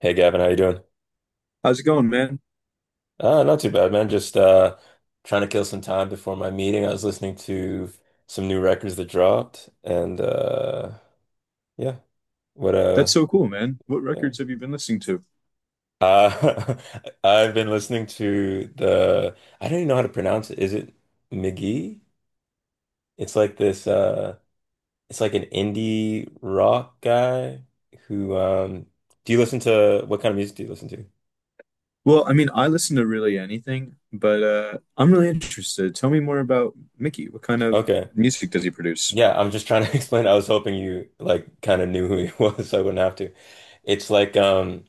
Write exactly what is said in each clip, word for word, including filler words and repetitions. Hey Gavin, how you doing? How's it going, man? Uh, not too bad, man. Just uh, trying to kill some time before my meeting. I was listening to some new records that dropped, and uh, yeah, what That's uh, so cool, man. What yeah. records have you been listening to? Uh, I've been listening to the I don't even know how to pronounce it. Is it McGee? It's like this. Uh, it's like an indie rock guy who. Um, do you listen to what kind of music do you listen to? Well, I mean, I listen to really anything, but uh, I'm really interested. Tell me more about Mickey. What kind of Okay. music does he produce? Yeah, I'm just trying to explain. I was hoping you like kind of knew who he was, so I wouldn't have to. It's like um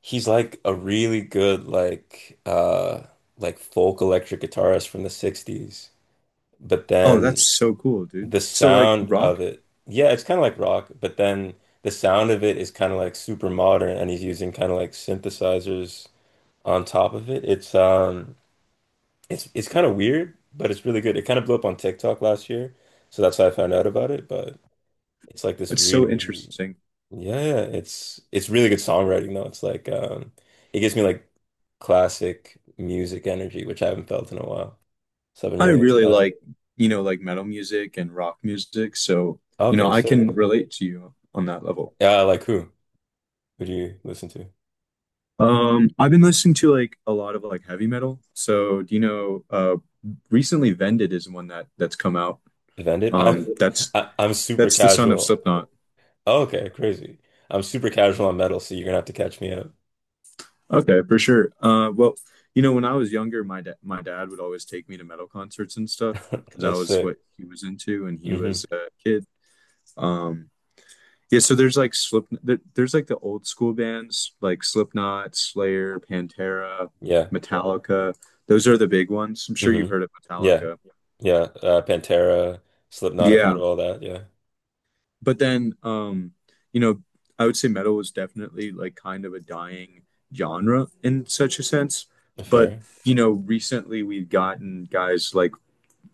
he's like a really good like uh like folk electric guitarist from the sixties. But Oh, that's then so cool, dude. the So, like, sound of rock? it, yeah, it's kind of like rock, but then the sound of it is kind of like super modern and he's using kind of like synthesizers on top of it. It's um it's it's kind of weird, but it's really good. It kind of blew up on TikTok last year, so that's how I found out about it, but. It's like this That's so really, interesting. yeah, yeah, it's it's really good songwriting though. It's like um it gives me like classic music energy, which I haven't felt in a while. So I've been I really into really that. like, you know, like metal music and rock music. So, you know, Okay, I can sick. relate to you on that level. Yeah, like who? Who do you listen to? Um, I've been listening to like a lot of like heavy metal. So, do you know, uh, recently Vended is one that that's come out. Defended? I'm Um, that's I, I'm super That's the son of casual. Slipknot. Oh, okay, crazy. I'm super casual on metal, so you're gonna have to catch me up. Okay, for sure. Uh, well, you know, when I was younger, my dad my dad would always take me to metal concerts and stuff because I That's was sick. what he was into, and he hmm was a kid. Um, yeah, so there's like Slip, there- there's like the old school bands like Slipknot, Slayer, Pantera, Yeah. Metallica. Those are the big ones. I'm sure you've hmm heard of Yeah. Metallica. Yeah. Uh, Pantera, Slipknot, I've heard Yeah. of all that. Yeah. But then, um, you know, I would say metal was definitely like kind of a dying genre in such a sense. But, Fair. you know, recently we've gotten guys like,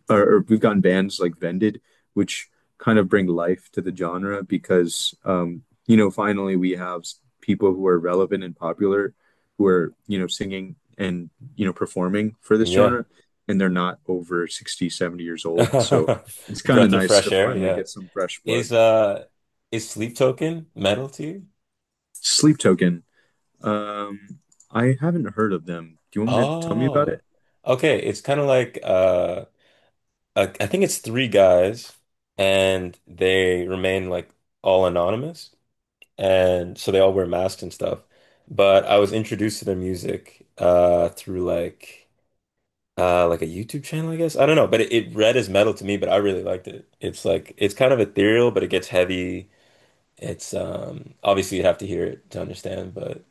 or, or we've gotten bands like Vended, which kind of bring life to the genre because, um, you know, finally we have people who are relevant and popular who are, you know, singing and, you know, performing for this Yeah. genre. And they're not over sixty, seventy years old. So it's kind of Breath of nice fresh to air, finally yeah. get some fresh blood. Is uh is sleep token metal to you? Sleep Token. Um, I haven't heard of them. Do you want me to tell me about Oh. it? Okay, it's kind of like uh I I think it's three guys and they remain like all anonymous and so they all wear masks and stuff. But I was introduced to their music uh through like uh like a YouTube channel, I guess. I don't know, but it, it read as metal to me, but I really liked it. It's like it's kind of ethereal, but it gets heavy. It's um obviously you'd have to hear it to understand, but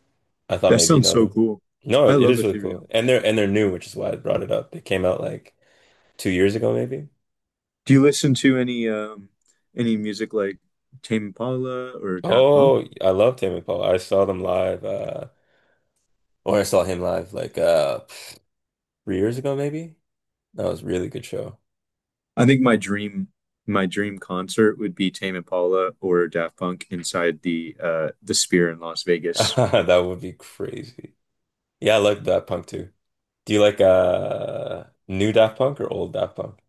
I thought That maybe you sounds know so them. cool. No, I it love is really ethereal cool. And they're music. and they're new, which is why I brought it up. They came out like two years ago maybe. Do you listen to any um any music like Tame Impala or Daft Punk? Oh, I love Tame Impala. I saw them live, uh or I saw him live like uh three years ago maybe. That was a really good show. I think my dream my dream concert would be Tame Impala or Daft Punk inside the uh the Sphere in Las Vegas. That would be crazy. Yeah, I like Daft Punk too. Do you like uh new Daft Punk or old Daft Punk?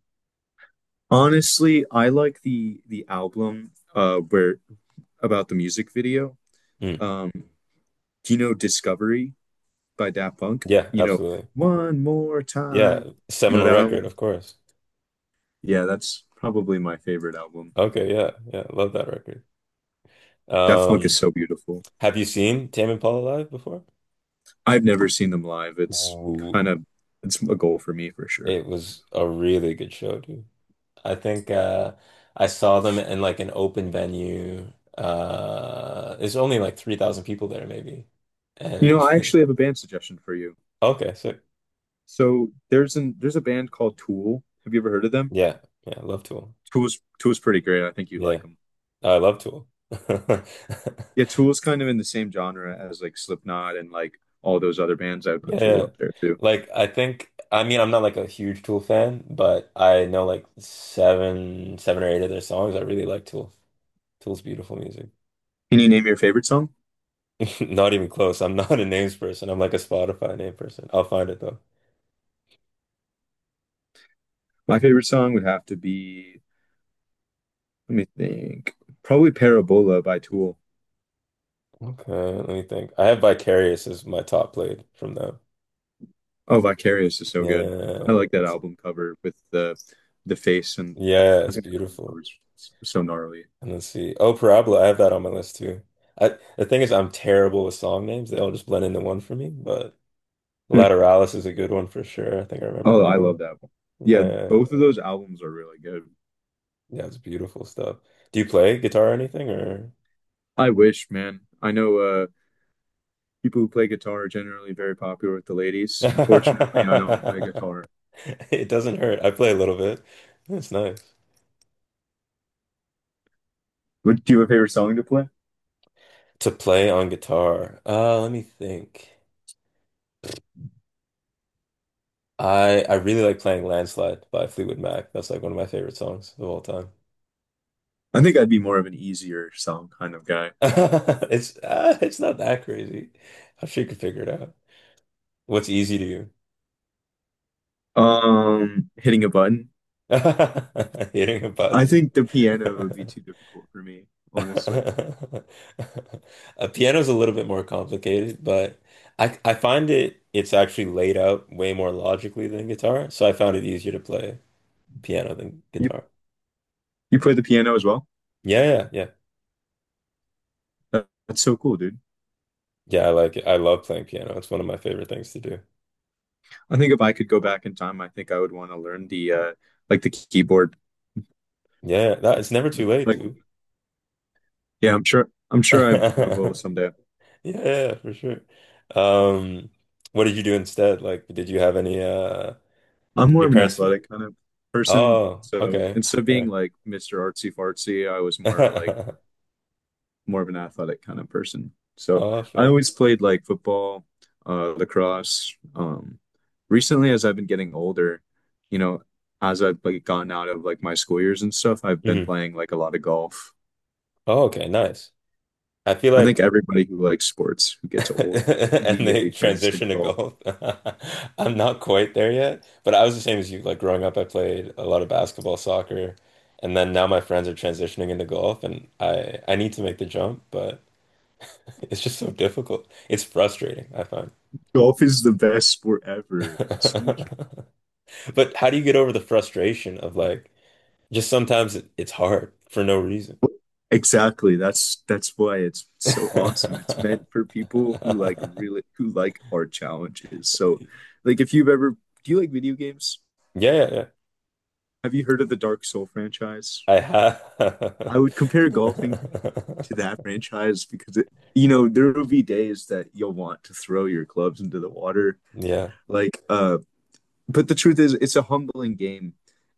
Honestly, I like the the album uh where about the music video. Mm. Um, do you know Discovery? By Daft Punk. Yeah, You know, absolutely. one more Yeah, time. You know seminal that record, album? of course. Yeah, that's probably my favorite album. Okay, yeah, yeah, love that record. Daft Punk is Um, so beautiful. have you seen Tame Impala Live before? I've never seen them live. It's Ooh, kind of, it's a goal for me for sure. it was a really good show, dude. I think uh I saw them in like an open venue. Uh there's only like three thousand people there maybe. You And know, I actually have a band suggestion for you. okay, so So there's an there's a band called Tool. Have you ever heard of them? yeah. Yeah, I love Tool. Tool's Tool's pretty great. I think you'd Yeah. like them. I love Tool. Yeah, Tool's kind of in the same genre as like Slipknot and like all those other bands. I would put Yeah, Tool yeah. up there too. Like I think I mean I'm not like a huge Tool fan, but I know like seven seven or eight of their songs. I really like Tool. Tool's beautiful music. Can you name your favorite song? Not even close. I'm not a names person. I'm like a Spotify name person. I'll find it though. My favorite song would have to be, let me think. Probably Parabola by Tool. Okay, let me think. I have Vicarious as my top played from them. Oh, Vicarious is so good. I Yeah, like that that's album cover with the the face and yeah, I it's think the album beautiful. cover's s- so gnarly. And let's see. Oh, Parabola, I have that on my list too. I The thing is I'm terrible with song names. They all just blend into one for me, but Lateralis is a good one for sure. I think I remember Oh, that I love one. that one. Yeah, Yeah, both of those albums are really good. yeah, it's beautiful stuff. Do you play guitar or anything or I wish, man. I know uh people who play guitar are generally very popular with the ladies. Unfortunately, I don't play guitar. It doesn't hurt. I play a little bit. It's nice. What, do you have a favorite song to play? To play on guitar. Uh, let me think. I I really like playing Landslide by Fleetwood Mac. That's like one of my favorite songs of all time. I think I'd be more of an easier song kind of guy. It's uh, it's not that crazy. I'm sure you can figure it out. What's easy to you? Um, hitting a button. Hitting a I button. think the piano would be too difficult for me, honestly. A piano's a little bit more complicated, but I I find it it's actually laid out way more logically than guitar, so I found it easier to play piano than You guitar. you play the piano as well? Yeah, yeah, yeah. That- That's so cool, dude. Yeah, I like it. I love playing piano. It's one of my favorite things to do. I think if I could go back in time, I think I would want to learn the uh like the keyboard. Yeah, that it's never too late, Like dude. yeah, I'm sure I'm sure I I will Yeah, someday. yeah, for sure. Um, what did you do instead? Like, did you have any uh I'm did more your of an parents make? athletic kind of person, Oh, so okay. instead of being Fair. like mister Artsy Fartsy, I was more like more of an athletic kind of person. So Oh, I fair. always played like football, uh, lacrosse. Um, recently, as I've been getting older, you know, as I've like gone out of like my school years and stuff, I've been Mhm. playing like a lot of golf. Oh, okay, nice. I feel I think like everybody who likes sports who gets old And they immediately turns to transition to golf. golf. I'm not quite there yet, but I was the same as you. Like growing up, I played a lot of basketball, soccer, and then now my friends are transitioning into golf, and I I need to make the jump, but it's just so difficult. It's frustrating, I find. Golf is the best sport ever. It's so much. But how do you get over the frustration of like just sometimes it, it's hard for no reason? Exactly. That's that's why it's so awesome. It's meant for people who like really who like hard challenges. So, like if you've ever, do you like video games? Yeah, yeah, yeah. Have you heard of the Dark Soul franchise? I have. I would compare golfing to that franchise because it, you know, there will be days that you'll want to throw your clubs into the water. Yeah. Like uh but the truth is, it's a humbling game.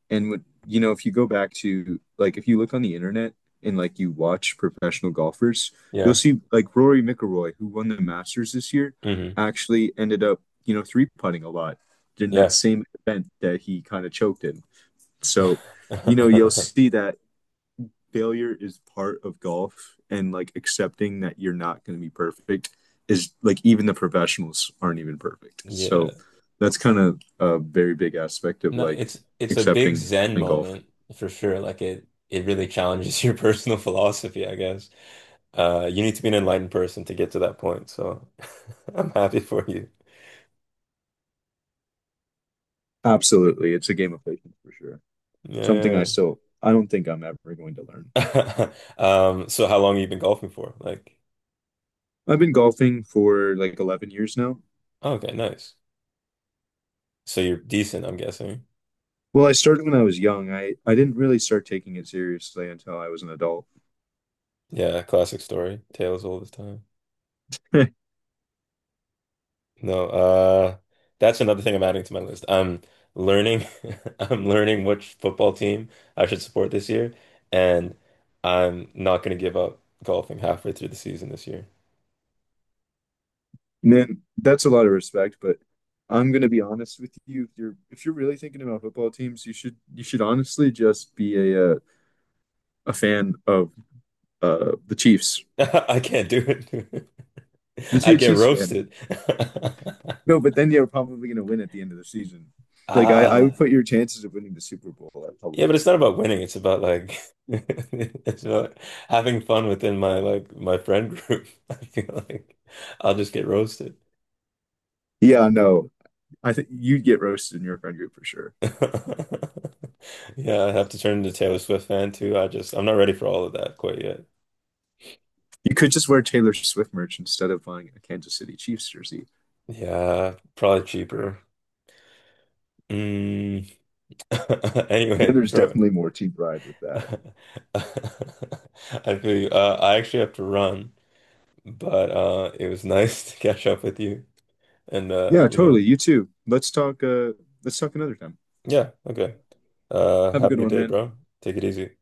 And when, you know, if you go back to like if you look on the internet and like you watch professional golfers, you'll Yeah. see like Rory McIlroy, who won the Masters this year, hmm actually ended up, you know, three putting a lot in that Yeah. same event that he kind of choked in. So, you know, you'll see that failure is part of golf and like accepting that you're not going to be perfect is, like, even the professionals aren't even perfect. So Yeah. that's kind of a very big aspect of No, like it's it's a big accepting Zen in golf. moment for sure. Like it it really challenges your personal philosophy, I guess. Uh, you need to be an enlightened person to get to that point. So I'm happy for you. Absolutely. It's a game of patience for sure. Something I Yeah. still, I don't think I'm ever going to learn. Um, so how long have you been golfing for? Like, I've been golfing for like eleven years now. okay, nice. So you're decent, I'm guessing. Well, I started when I was young. I I didn't really start taking it seriously until I was an adult. Yeah, classic story. Tales all the time. No, uh, That's another thing I'm adding to my list. I'm Learning, I'm learning which football team I should support this year, and I'm not going to give up golfing halfway through the season this year. Man, that's a lot of respect, but I'm gonna be honest with you. If you're if you're really thinking about football teams, you should you should honestly just be a uh, a fan of uh the Chiefs. I can't do it. Just I be a get Chiefs fan. roasted. No, but then you're probably gonna win at the end of the season. Like I, I would Ah, put your chances of winning the Super Bowl at yeah, probably but it's like not twenty. about winning. It's about like it's about having fun within my like my friend group. I feel like I'll just get roasted. Yeah, no. I think you'd get roasted in your friend group for sure. Yeah, I have to turn into Taylor Swift fan too. I just I'm not ready for all of that quite yet. You could just wear Taylor Swift merch instead of buying a Kansas City Chiefs jersey. Yeah, probably cheaper. Mm. And Anyway, there's bro. definitely more team pride with I that. feel you. Uh, I actually have to run, but uh, it was nice to catch up with you. And uh, Yeah, you totally. know, You too. Let's talk uh let's talk another time. yeah, okay. Uh, Have a Have a good good one, day, man. bro. Take it easy.